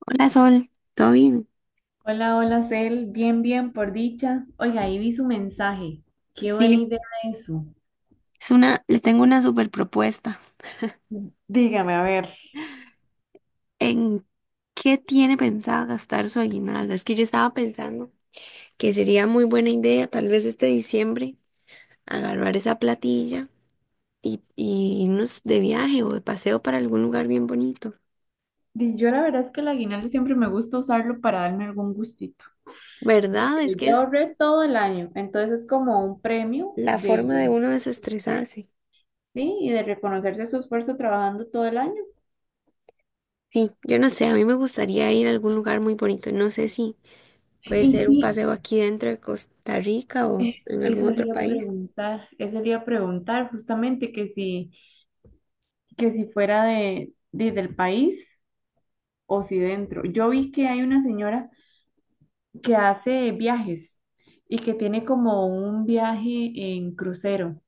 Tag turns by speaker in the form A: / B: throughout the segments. A: Hola Sol, ¿todo bien?
B: Hola, hola, Cel. Bien, bien, por dicha. Oiga, ahí vi su mensaje. Qué buena
A: Sí,
B: idea eso.
A: es una, le tengo una super propuesta.
B: Dígame, a ver.
A: ¿En qué tiene pensado gastar su aguinaldo? Es que yo estaba pensando que sería muy buena idea, tal vez este diciembre, agarrar esa platilla y irnos de viaje o de paseo para algún lugar bien bonito.
B: Di, yo la verdad es que el aguinaldo siempre me gusta usarlo para darme algún gustito. Yo
A: ¿Verdad?
B: te
A: Es que
B: ya
A: es
B: ahorré todo el año, entonces es como un premio
A: la
B: de,
A: forma de uno desestresarse.
B: sí, y de reconocerse su esfuerzo trabajando todo el año.
A: Sí, yo no sé, a mí me gustaría ir a algún lugar muy bonito. No sé si puede
B: Y
A: ser un
B: sí,
A: paseo aquí dentro de Costa Rica o en
B: eso
A: algún
B: le
A: otro
B: iba a
A: país.
B: preguntar, justamente que si fuera del país o si dentro. Yo vi que hay una señora que hace viajes y que tiene como un viaje en crucero.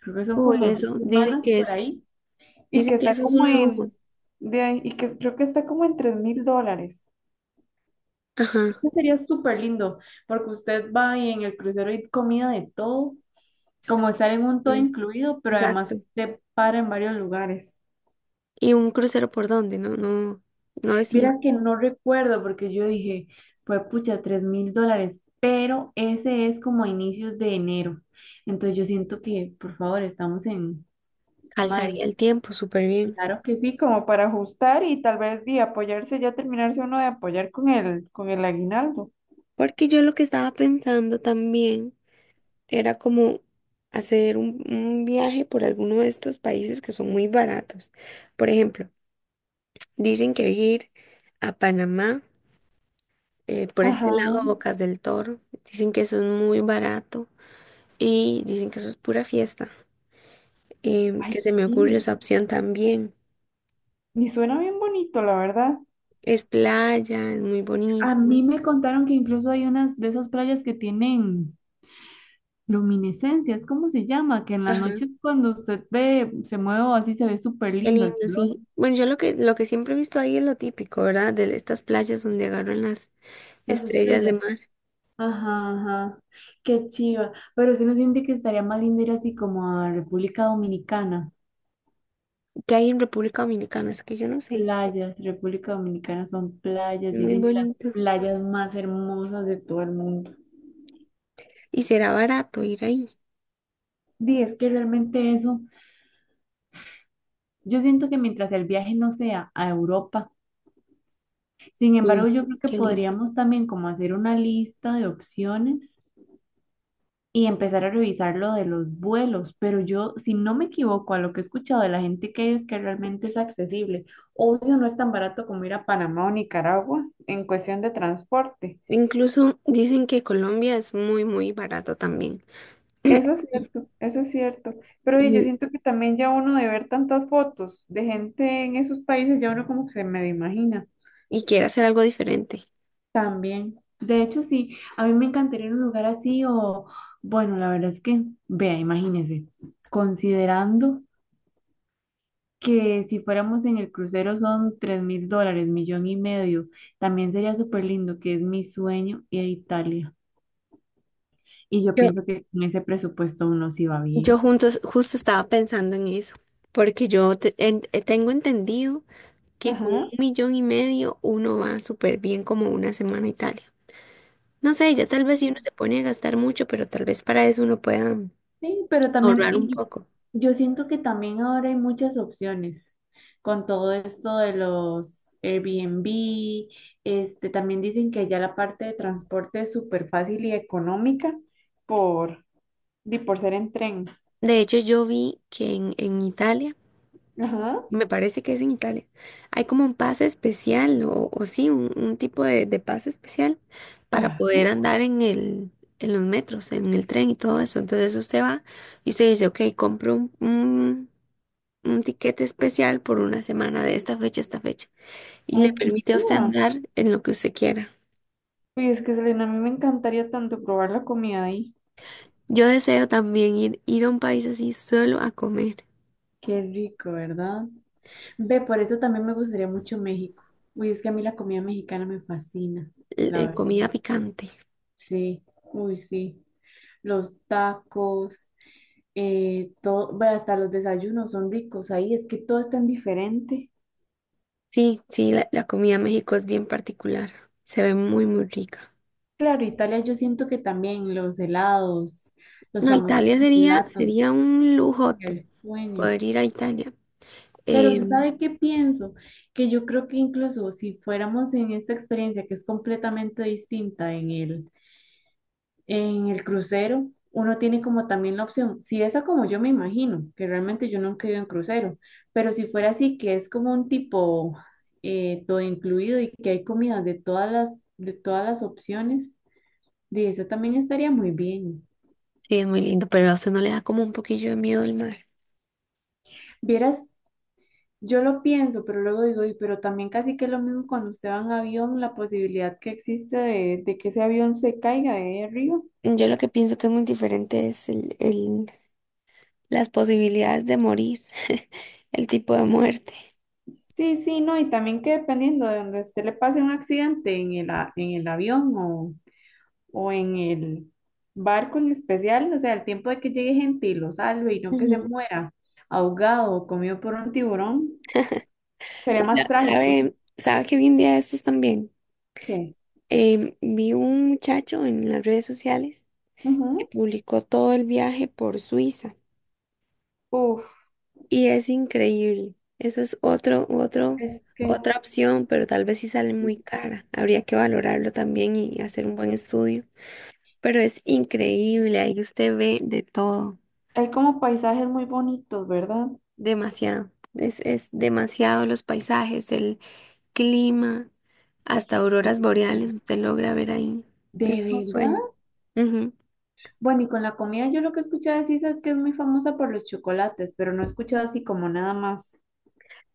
B: Creo que son
A: Uy,
B: como dos
A: eso, dicen
B: semanas
A: que
B: por
A: es,
B: ahí. Y que
A: dicen que
B: está
A: eso es
B: como
A: un lujo.
B: en, y que creo que está como en $3000.
A: Ajá,
B: Esto sería súper lindo porque usted va y en el crucero hay comida de todo, como estar en un todo
A: sí,
B: incluido, pero además
A: exacto.
B: usted para en varios lugares.
A: ¿Y un crucero por dónde? No, no, no decía.
B: Vieras que no recuerdo porque yo dije, pues pucha, $3000, pero ese es como a inicios de enero. Entonces yo siento que, por favor, estamos en mayo.
A: Alzaría el tiempo súper bien.
B: Claro que sí, como para ajustar y tal vez de apoyarse, ya terminarse uno de apoyar con el aguinaldo.
A: Porque yo lo que estaba pensando también era como hacer un viaje por alguno de estos países que son muy baratos. Por ejemplo, dicen que ir a Panamá, por este lado,
B: Ajá.
A: Bocas del Toro, dicen que eso es muy barato y dicen que eso es pura fiesta.
B: Ay,
A: Que se
B: qué
A: me ocurre
B: lindo.
A: esa opción también.
B: Y suena bien bonito, la verdad.
A: Es playa, es muy
B: A
A: bonito.
B: mí me contaron que incluso hay unas de esas playas que tienen luminiscencia, es como se llama, que en las
A: Ajá,
B: noches cuando usted ve, se mueve o así, se ve súper
A: qué
B: lindo el
A: lindo,
B: color.
A: sí. Bueno, yo lo que siempre he visto ahí es lo típico, ¿verdad? De estas playas donde agarran las
B: Las
A: estrellas de
B: estrellas.
A: mar
B: Ajá, ajá. Qué chiva. Pero sí no siente que estaría más lindo ir así como a República Dominicana.
A: que hay en República Dominicana, es que yo no sé,
B: Playas, República Dominicana son playas,
A: es muy
B: dicen que las
A: bonito.
B: playas más hermosas de todo el mundo.
A: Y será barato ir ahí.
B: Sí, es que realmente eso, yo siento que mientras el viaje no sea a Europa, sin embargo,
A: Uy,
B: yo creo que
A: qué lindo.
B: podríamos también como hacer una lista de opciones y empezar a revisar lo de los vuelos, pero yo, si no me equivoco a lo que he escuchado de la gente que es que realmente es accesible, obvio no es tan barato como ir a Panamá o Nicaragua en cuestión de transporte.
A: Incluso dicen que Colombia es muy, muy barato también.
B: Eso es cierto, eso es cierto. Pero oye, yo
A: Y,
B: siento que también ya uno de ver tantas fotos de gente en esos países, ya uno como que se me imagina.
A: y quiere hacer algo diferente.
B: También. De hecho, sí, a mí me encantaría ir a un lugar así o, bueno, la verdad es que, vea, imagínese, considerando que si fuéramos en el crucero son $3000, 1.500.000. También sería súper lindo, que es mi sueño ir a Italia. Y yo
A: Yo,
B: pienso que con ese presupuesto uno sí va bien.
A: Justo estaba pensando en eso, porque tengo entendido que con un
B: Ajá.
A: millón y medio uno va súper bien como una semana a Italia. No sé, ya tal vez si uno se pone a gastar mucho, pero tal vez para eso uno pueda
B: Sí, pero también
A: ahorrar un
B: y yo,
A: poco.
B: yo siento que también ahora hay muchas opciones con todo esto de los Airbnb. Este, también dicen que ya la parte de transporte es súper fácil y económica por, por ser en tren.
A: De hecho, yo vi que en Italia
B: Ajá.
A: me parece que es en Italia. Hay como un pase especial o sí, un tipo de pase especial para
B: Ah,
A: poder andar en el, en los metros, en el tren y todo eso. Entonces usted va y usted dice, ok, compro un tiquete especial por una semana de esta fecha a esta fecha. Y le
B: ay, qué
A: permite a usted
B: chiva.
A: andar en lo que usted quiera.
B: Uy, es que Selena, a mí me encantaría tanto probar la comida ahí.
A: Yo deseo también ir a un país así solo a comer
B: Qué rico, ¿verdad? Ve, por eso también me gustaría mucho México. Uy, es que a mí la comida mexicana me fascina, la verdad.
A: comida picante.
B: Sí, uy, sí. Los tacos, todo, ve, hasta los desayunos son ricos ahí, es que todo es tan diferente.
A: Sí, sí, la comida en México es bien particular. Se ve muy, muy rica.
B: Claro, Italia yo siento que también los helados, los
A: No,
B: famosos
A: Sería
B: gelatos,
A: un lujote
B: el sueño.
A: poder ir a Italia.
B: Pero se
A: Em,
B: sabe qué pienso, que yo creo que incluso si fuéramos en esta experiencia que es completamente distinta en el crucero, uno tiene como también la opción, si esa como yo me imagino, que realmente yo nunca he ido en crucero, pero si fuera así, que es como un tipo todo incluido y que hay comida de todas las opciones, de eso también estaría muy bien.
A: sí, es muy lindo, pero a usted no le da como un poquillo de miedo el mar.
B: Vieras, yo lo pienso, pero luego digo, "Y, pero también casi que es lo mismo cuando usted va en avión, la posibilidad que existe de que ese avión se caiga de ahí arriba."
A: Yo lo que pienso que es muy diferente es las posibilidades de morir, el tipo de muerte.
B: Sí, sí, no, y también que dependiendo de donde a usted le pase un accidente en en el avión o en el barco en especial, o sea, el tiempo de que llegue gente y lo salve y no que se
A: Ujú.
B: muera ahogado o comido por un tiburón, sería
A: O
B: más
A: sea,
B: trágico.
A: ¿ sabe que vi un día de estos también?
B: ¿Qué?
A: Vi un muchacho en las redes sociales que
B: Ujú.
A: publicó todo el viaje por Suiza.
B: Uf,
A: Y es increíble. Eso es
B: es que
A: otra opción, pero tal vez sí sale
B: sí,
A: muy cara. Habría que valorarlo también y hacer un buen estudio. Pero es increíble, ahí usted ve de todo,
B: hay como paisajes muy bonitos, ¿verdad?
A: demasiado. Es demasiado los paisajes, el clima, hasta auroras boreales usted logra ver ahí. Es
B: ¿De
A: un
B: verdad?
A: sueño. Ujú.
B: Bueno, y con la comida yo lo que he escuchado de Suiza es que es muy famosa por los chocolates, pero no he escuchado así como nada más.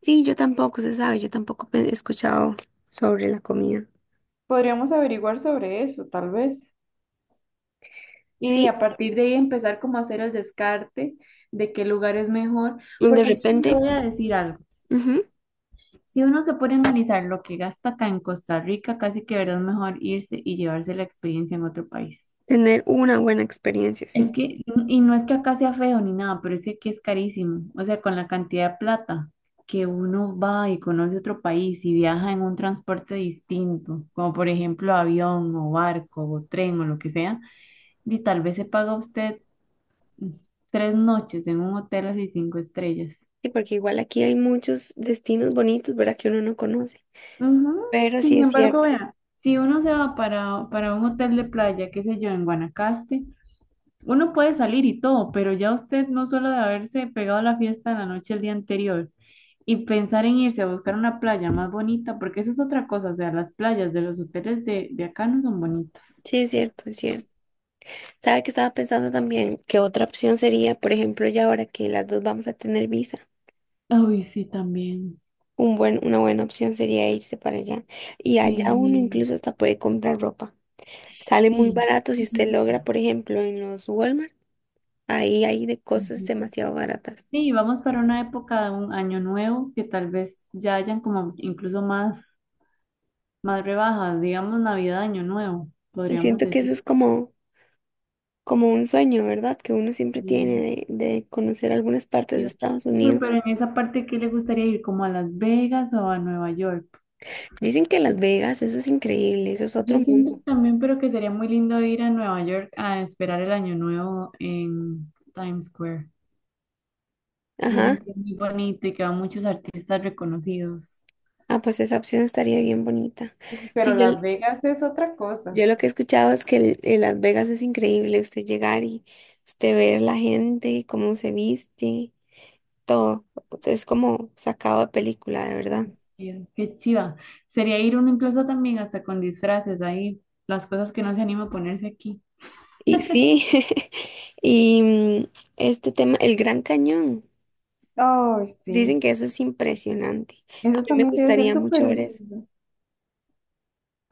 A: Sí, yo tampoco, se sabe, yo tampoco he escuchado sobre la comida.
B: Podríamos averiguar sobre eso, tal vez. Y a
A: Sí,
B: partir de ahí empezar como a hacer el descarte de qué lugar es mejor,
A: de
B: porque yo sí
A: repente.
B: le voy a decir algo.
A: Ujú.
B: Si uno se pone a analizar lo que gasta acá en Costa Rica, casi que verdad es mejor irse y llevarse la experiencia en otro país.
A: Tener una buena experiencia,
B: Es
A: sí.
B: que, y no es que acá sea feo ni nada, pero es que aquí es carísimo. O sea, con la cantidad de plata que uno va y conoce otro país y viaja en un transporte distinto, como por ejemplo avión o barco o tren o lo que sea, y tal vez se paga usted mm, 3 noches en un hotel así cinco estrellas.
A: Sí, porque igual aquí hay muchos destinos bonitos, ¿verdad? Que uno no conoce.
B: Ujú.
A: Pero sí
B: Sin
A: es
B: embargo,
A: cierto.
B: vea, si uno se va para un hotel de playa, qué sé yo, en Guanacaste, uno puede salir y todo, pero ya usted no solo de haberse pegado la fiesta en la noche el día anterior y pensar en irse a buscar una playa más bonita, porque eso es otra cosa, o sea, las playas de los hoteles de acá no son bonitas.
A: Sí, es cierto, es cierto. ¿Sabe que estaba pensando también que otra opción sería, por ejemplo, ya ahora que las dos vamos a tener visa,
B: Uy, sí, también.
A: una buena opción sería irse para allá? Y allá
B: Sí,
A: uno
B: sí.
A: incluso hasta puede comprar ropa. Sale muy
B: Sí,
A: barato si usted logra, por ejemplo, en los Walmart, ahí hay de cosas
B: ujú.
A: demasiado baratas.
B: Sí, vamos para una época de un año nuevo que tal vez ya hayan como incluso más, más rebajas, digamos Navidad, Año Nuevo,
A: Y
B: podríamos
A: siento que eso
B: decir.
A: es como un sueño, ¿verdad? Que uno siempre tiene de conocer algunas partes de
B: Yo,
A: Estados
B: uy,
A: Unidos.
B: pero en esa parte, ¿qué le gustaría ir? ¿Como a Las Vegas o a Nueva York?
A: Dicen que Las Vegas, eso es increíble, eso es otro
B: Yo siento
A: mundo.
B: también, pero que sería muy lindo ir a Nueva York a esperar el año nuevo en Times Square.
A: Ajá.
B: Dicen que es muy bonito y que van muchos artistas reconocidos.
A: Ah, pues esa opción estaría bien bonita.
B: Sí, pero
A: Sí, yo,
B: Las Vegas es otra cosa.
A: yo lo que he escuchado es que el Las Vegas es increíble, usted llegar y usted ver la gente, cómo se viste, todo. Es como sacado de película, de verdad.
B: Qué chiva. Sería ir uno incluso también hasta con disfraces ahí, las cosas que no se anima a ponerse aquí.
A: Y sí, y mm, este tema, el Gran Cañón.
B: Oh,
A: Dicen
B: sí.
A: que eso es impresionante. A
B: Eso
A: mí me
B: también debe ser
A: gustaría
B: súper
A: mucho ver eso.
B: lindo.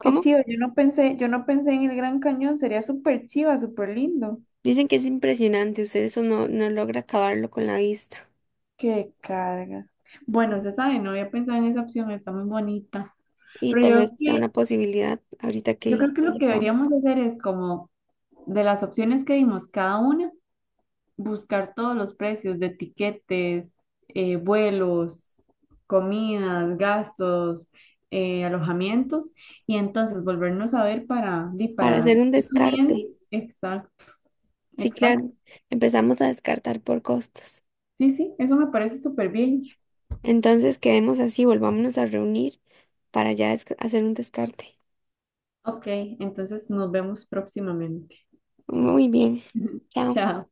B: Qué chido, yo no pensé en el Gran Cañón, sería súper chiva, súper lindo.
A: Dicen que es impresionante. Usted eso no, no logra acabarlo con la vista.
B: Qué carga. Bueno, se sabe, no había pensado en esa opción, está muy bonita.
A: Y
B: Pero
A: tal vez sea una posibilidad ahorita
B: yo
A: que
B: creo que lo que
A: llegamos.
B: deberíamos hacer es como de las opciones que vimos cada una, buscar todos los precios de tiquetes, vuelos, comidas, gastos, alojamientos, y entonces volvernos a ver para,
A: Para
B: para
A: hacer
B: ir
A: un
B: definiendo.
A: descarte.
B: Exacto,
A: Sí, claro.
B: exacto.
A: Empezamos a descartar por costos.
B: Sí, sí, eso me parece súper bien.
A: Entonces quedemos así, volvámonos a reunir para ya hacer un descarte.
B: Ok, entonces nos vemos próximamente.
A: Muy bien. Chao.
B: Chao.